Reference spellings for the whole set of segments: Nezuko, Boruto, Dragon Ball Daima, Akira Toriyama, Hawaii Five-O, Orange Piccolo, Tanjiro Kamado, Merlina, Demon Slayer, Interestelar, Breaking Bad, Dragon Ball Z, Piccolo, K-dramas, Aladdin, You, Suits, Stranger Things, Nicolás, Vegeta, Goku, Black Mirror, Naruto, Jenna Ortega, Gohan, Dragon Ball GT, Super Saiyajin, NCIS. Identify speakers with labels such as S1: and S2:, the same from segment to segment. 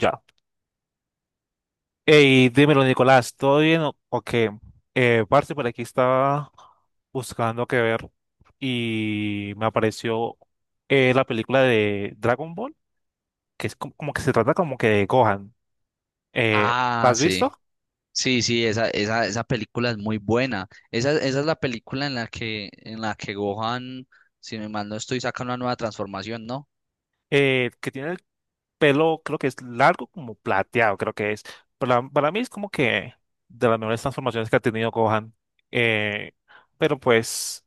S1: Ya. Ey, dímelo, Nicolás, ¿todo bien o qué? Parce, por aquí estaba buscando qué ver y me apareció la película de Dragon Ball, que es como, como que se trata como que de Gohan. Eh, la
S2: Ah,
S1: has
S2: sí.
S1: visto?
S2: Sí, sí, esa película es muy buena. Esa es la película en la que, Gohan, si me mal no estoy, saca una nueva transformación, ¿no?
S1: Que tiene el pelo, creo que es largo, como plateado, creo que es. Para mí es como que de las mejores transformaciones que ha tenido Gohan. Eh, pero pues,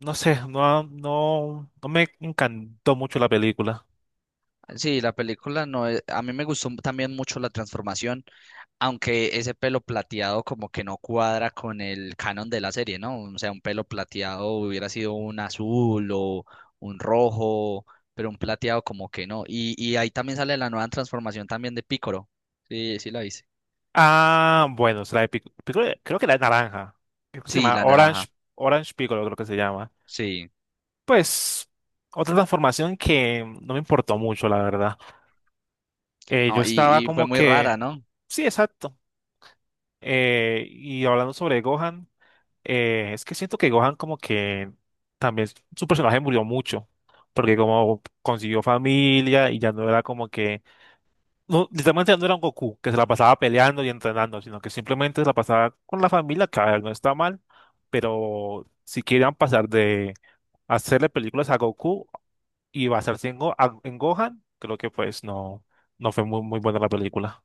S1: no sé, no me encantó mucho la película.
S2: Sí, la película no es- a mí me gustó también mucho la transformación, aunque ese pelo plateado como que no cuadra con el canon de la serie, ¿no? O sea, un pelo plateado hubiera sido un azul o un rojo, pero un plateado como que no. Y ahí también sale la nueva transformación también de Piccolo. Sí, sí la hice.
S1: Ah, bueno, es de Piccolo, creo que la de naranja. Creo que se
S2: Sí,
S1: llama
S2: la
S1: Orange,
S2: naranja.
S1: Orange Piccolo, creo que se llama.
S2: Sí.
S1: Pues, otra transformación que no me importó mucho, la verdad. Yo
S2: Ah,
S1: estaba
S2: y fue
S1: como
S2: muy
S1: que,
S2: rara, ¿no?
S1: sí, exacto. Y hablando sobre Gohan, es que siento que Gohan como que también su personaje murió mucho, porque como consiguió familia y ya no era como que no, literalmente no era un Goku que se la pasaba peleando y entrenando, sino que simplemente se la pasaba con la familia, que a ver, no está mal, pero si querían pasar de hacerle películas a Goku y basarse en, en Gohan, creo que pues no, no fue muy buena la película.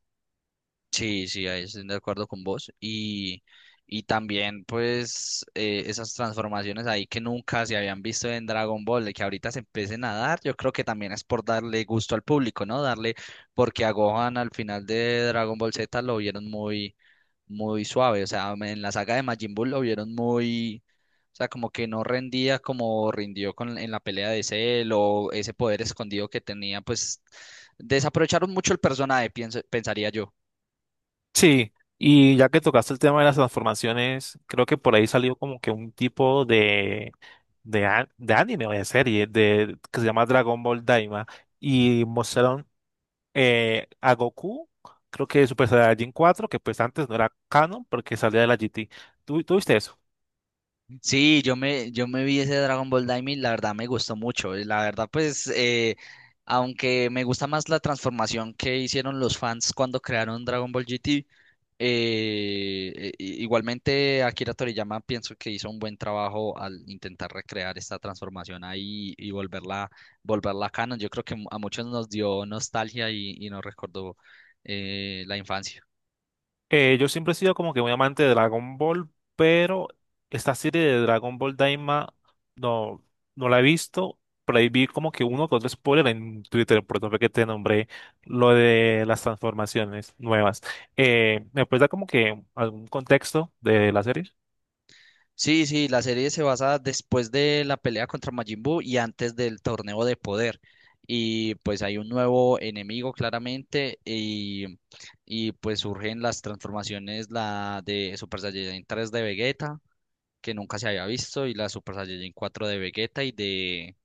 S2: Sí, sí, ahí estoy de acuerdo con vos. Y también, pues, esas transformaciones ahí que nunca se habían visto en Dragon Ball, de que ahorita se empiecen a dar, yo creo que también es por darle gusto al público, ¿no? Darle, porque a Gohan al final de Dragon Ball Z lo vieron muy, muy suave. O sea, en la saga de Majin Buu lo vieron muy, o sea, como que no rendía como rindió con, en la pelea de Cell o ese poder escondido que tenía, pues, desaprovecharon mucho el personaje, pienso, pensaría yo.
S1: Sí, y ya que tocaste el tema de las transformaciones, creo que por ahí salió como que un tipo de, de anime o de serie de, que se llama Dragon Ball Daima y mostraron a Goku, creo que Super Saiyajin 4, que pues antes no era canon porque salía de la GT. ¿Tú viste eso?
S2: Sí, yo me vi ese Dragon Ball Daima y la verdad me gustó mucho. Y la verdad, pues, aunque me gusta más la transformación que hicieron los fans cuando crearon Dragon Ball GT, igualmente Akira Toriyama pienso que hizo un buen trabajo al intentar recrear esta transformación ahí y volverla, volverla canon. Yo creo que a muchos nos dio nostalgia y nos recordó la infancia.
S1: Yo siempre he sido como que muy amante de Dragon Ball, pero esta serie de Dragon Ball Daima no, no la he visto. Por ahí vi como que uno con otro spoiler en Twitter, por eso fue que te nombré lo de las transformaciones nuevas. ¿Me puedes dar como que algún contexto de la serie?
S2: Sí, sí, la serie se basa después de la pelea contra Majin Buu y antes del torneo de poder. Y pues hay un nuevo enemigo claramente y pues surgen las transformaciones, la de Super Saiyajin tres de Vegeta, que nunca se había visto, y la Super Saiyajin cuatro de Vegeta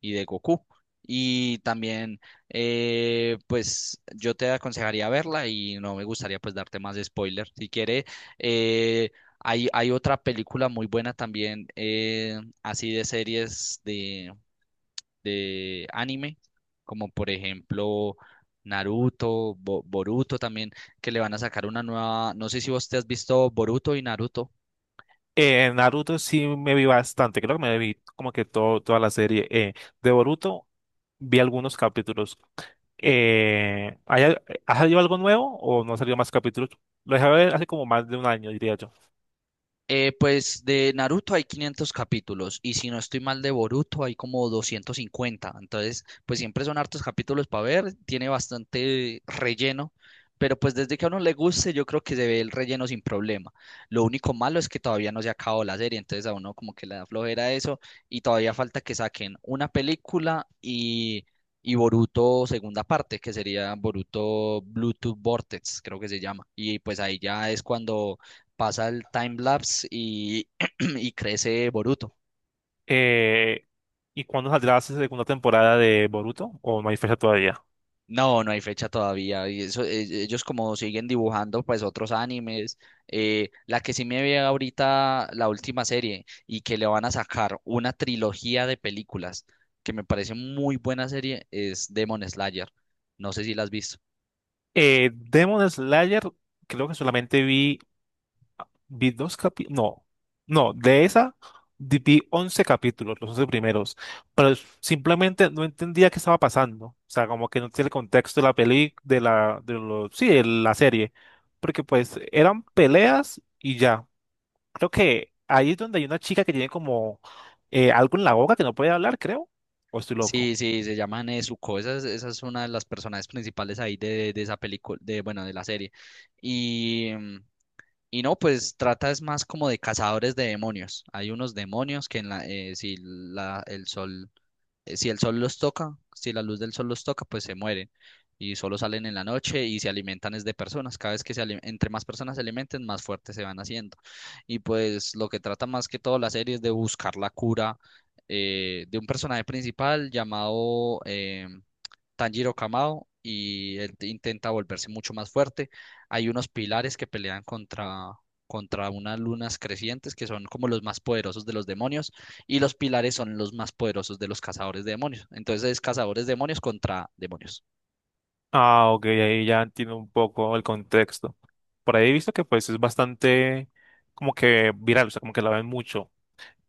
S2: y de Goku. Y también, pues yo te aconsejaría verla y no me gustaría pues darte más spoiler. Si quiere, eh, hay otra película muy buena también, así de series de anime, como por ejemplo Naruto, Boruto también, que le van a sacar una nueva, no sé si vos te has visto Boruto y Naruto.
S1: Naruto sí me vi bastante, creo que me vi como que todo, toda la serie. De Boruto vi algunos capítulos. ¿Ha salido algo nuevo o no ha salido más capítulos? Lo dejé ver hace como más de un año, diría yo.
S2: Pues de Naruto hay 500 capítulos y si no estoy mal de Boruto hay como 250. Entonces, pues siempre son hartos capítulos para ver, tiene bastante relleno, pero pues desde que a uno le guste yo creo que se ve el relleno sin problema. Lo único malo es que todavía no se acabó la serie, entonces a uno como que le da flojera eso y todavía falta que saquen una película y Boruto segunda parte, que sería Boruto Bluetooth Vortex, creo que se llama. Y pues ahí ya es cuando pasa el time lapse y, y crece Boruto.
S1: Eh, ¿Y cuándo saldrá la segunda temporada de Boruto? ¿O no hay fecha todavía?
S2: No, no hay fecha todavía. Y eso, ellos como siguen dibujando pues otros animes. Eh, la que sí me ve ahorita la última serie y que le van a sacar una trilogía de películas que me parece muy buena serie es Demon Slayer. No sé si la has visto.
S1: Demon Slayer, creo que solamente vi, vi dos capítulos, no, no, de esa vi 11 capítulos, los 11 primeros, pero simplemente no entendía qué estaba pasando, o sea, como que no tiene el contexto de la peli, de la, de lo, sí, de la serie, porque pues eran peleas y ya, creo que ahí es donde hay una chica que tiene como algo en la boca que no puede hablar, creo, o estoy loco.
S2: Sí, sí, se llama Nezuko. Esa es una de las personajes principales ahí de esa película, de, bueno, de la serie. Y, y no, pues trata es más como de cazadores de demonios. Hay unos demonios que en la, el sol, si el sol los toca, si la luz del sol los toca, pues se mueren. Y solo salen en la noche y se alimentan es de personas. Cada vez que entre más personas se alimenten, más fuertes se van haciendo. Y pues lo que trata más que todo la serie es de buscar la cura de un personaje principal llamado Tanjiro Kamado y él intenta volverse mucho más fuerte. Hay unos pilares que pelean contra, contra unas lunas crecientes que son como los más poderosos de los demonios y los pilares son los más poderosos de los cazadores de demonios. Entonces es cazadores de demonios contra demonios.
S1: Ah, ok, ahí ya entiendo un poco el contexto. Por ahí he visto que pues es bastante como que viral, o sea, como que la ven mucho.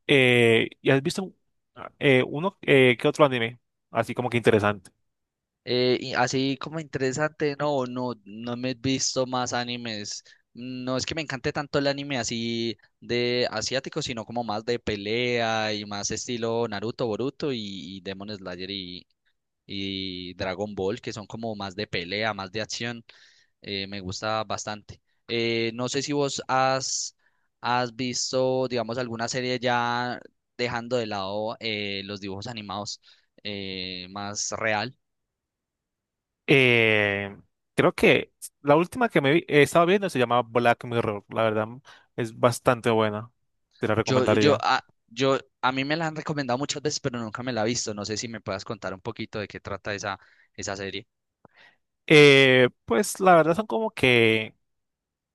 S1: ¿Y has visto uno que otro anime? Así como que interesante.
S2: Y así como interesante, no, no, no me he visto más animes. No es que me encante tanto el anime así de asiático, sino como más de pelea y más estilo Naruto, Boruto y Demon Slayer y Dragon Ball, que son como más de pelea, más de acción. Me gusta bastante. No sé si vos has, Has visto, digamos, alguna serie ya dejando de lado los dibujos animados más real.
S1: Eh, Creo que la última que estaba viendo se llama Black Mirror. La verdad es bastante buena. Te la recomendaría.
S2: Yo, a mí me la han recomendado muchas veces, pero nunca me la he visto. No sé si me puedas contar un poquito de qué trata esa, esa serie.
S1: Pues la verdad son como que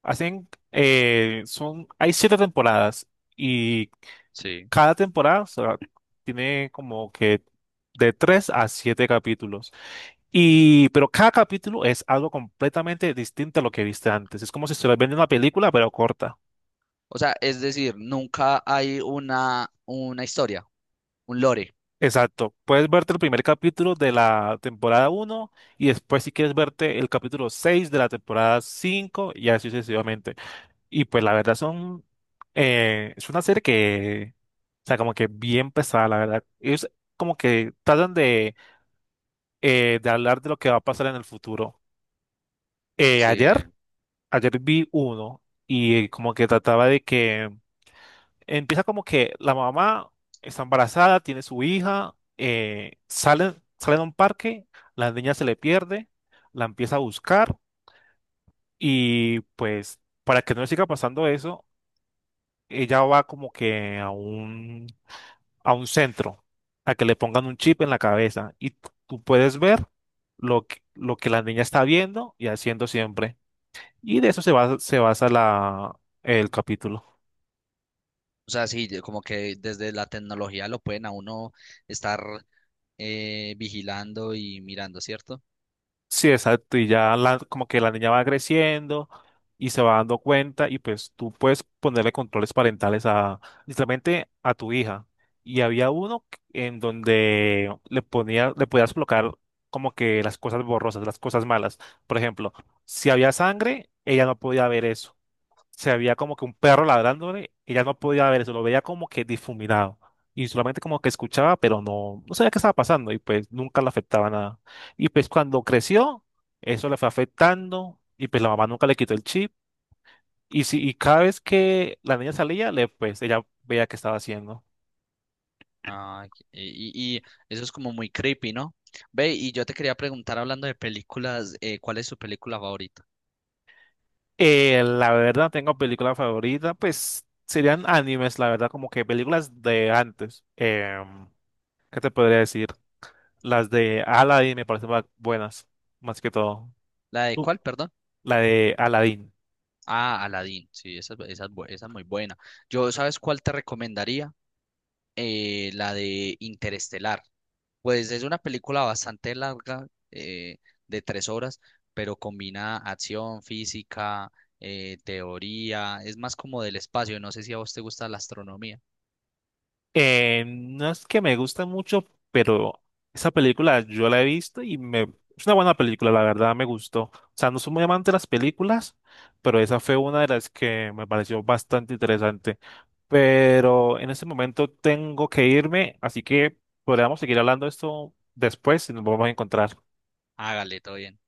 S1: hacen, son, hay siete temporadas y
S2: Sí.
S1: cada temporada, o sea, tiene como que de tres a siete capítulos. Y, pero cada capítulo es algo completamente distinto a lo que viste antes. Es como si estuvieras viendo una película, pero corta.
S2: O sea, es decir, nunca hay una historia, un lore.
S1: Exacto. Puedes verte el primer capítulo de la temporada uno y después si quieres verte el capítulo 6 de la temporada 5 y así sucesivamente. Y pues la verdad son... es una serie que... O sea, como que bien pesada, la verdad. Ellos como que tratan de hablar de lo que va a pasar en el futuro. Eh,
S2: Sí.
S1: ayer, ayer vi uno y como que trataba de que... empieza como que la mamá está embarazada, tiene su hija, salen a un parque, la niña se le pierde, la empieza a buscar y pues para que no le siga pasando eso, ella va como que a un centro, a que le pongan un chip en la cabeza y tú puedes ver lo que la niña está viendo y haciendo siempre. Y de eso se basa la, el capítulo.
S2: O sea, sí, de- como que desde la tecnología lo pueden a uno estar vigilando y mirando, ¿cierto?
S1: Sí, exacto. Y ya la, como que la niña va creciendo y se va dando cuenta y pues tú puedes ponerle controles parentales a, literalmente, a tu hija. Y había uno que en donde le ponía, le podías bloquear como que las cosas borrosas, las cosas malas. Por ejemplo, si había sangre, ella no podía ver eso, se veía como que un perro ladrándole, ella no podía ver eso, lo veía como que difuminado. Y solamente como que escuchaba, pero no, no sabía qué estaba pasando y pues nunca le afectaba nada. Y pues cuando creció, eso le fue afectando y pues la mamá nunca le quitó el chip. Y, si, y cada vez que la niña salía, le, pues ella veía qué estaba haciendo.
S2: Ah, y eso es como muy creepy, ¿no? Ve, y yo te quería preguntar, hablando de películas, ¿cuál es su película favorita?
S1: La verdad, tengo película favorita, pues serían animes, la verdad, como que películas de antes. Em, ¿qué te podría decir? Las de Aladdin me parecen buenas, más que todo.
S2: ¿La de
S1: Uh,
S2: cuál, perdón?
S1: la de Aladdin.
S2: Ah, Aladdin, sí, esa es muy buena. Yo, ¿sabes cuál te recomendaría? La de Interestelar. Pues es una película bastante larga, de 3 horas, pero combina acción, física, teoría, es más como del espacio, no sé si a vos te gusta la astronomía.
S1: No es que me gusta mucho, pero esa película yo la he visto y me... Es una buena película, la verdad me gustó. O sea, no soy muy amante de las películas, pero esa fue una de las que me pareció bastante interesante. Pero en este momento tengo que irme, así que podríamos seguir hablando de esto después y nos vamos a encontrar.
S2: Hágale, todo bien.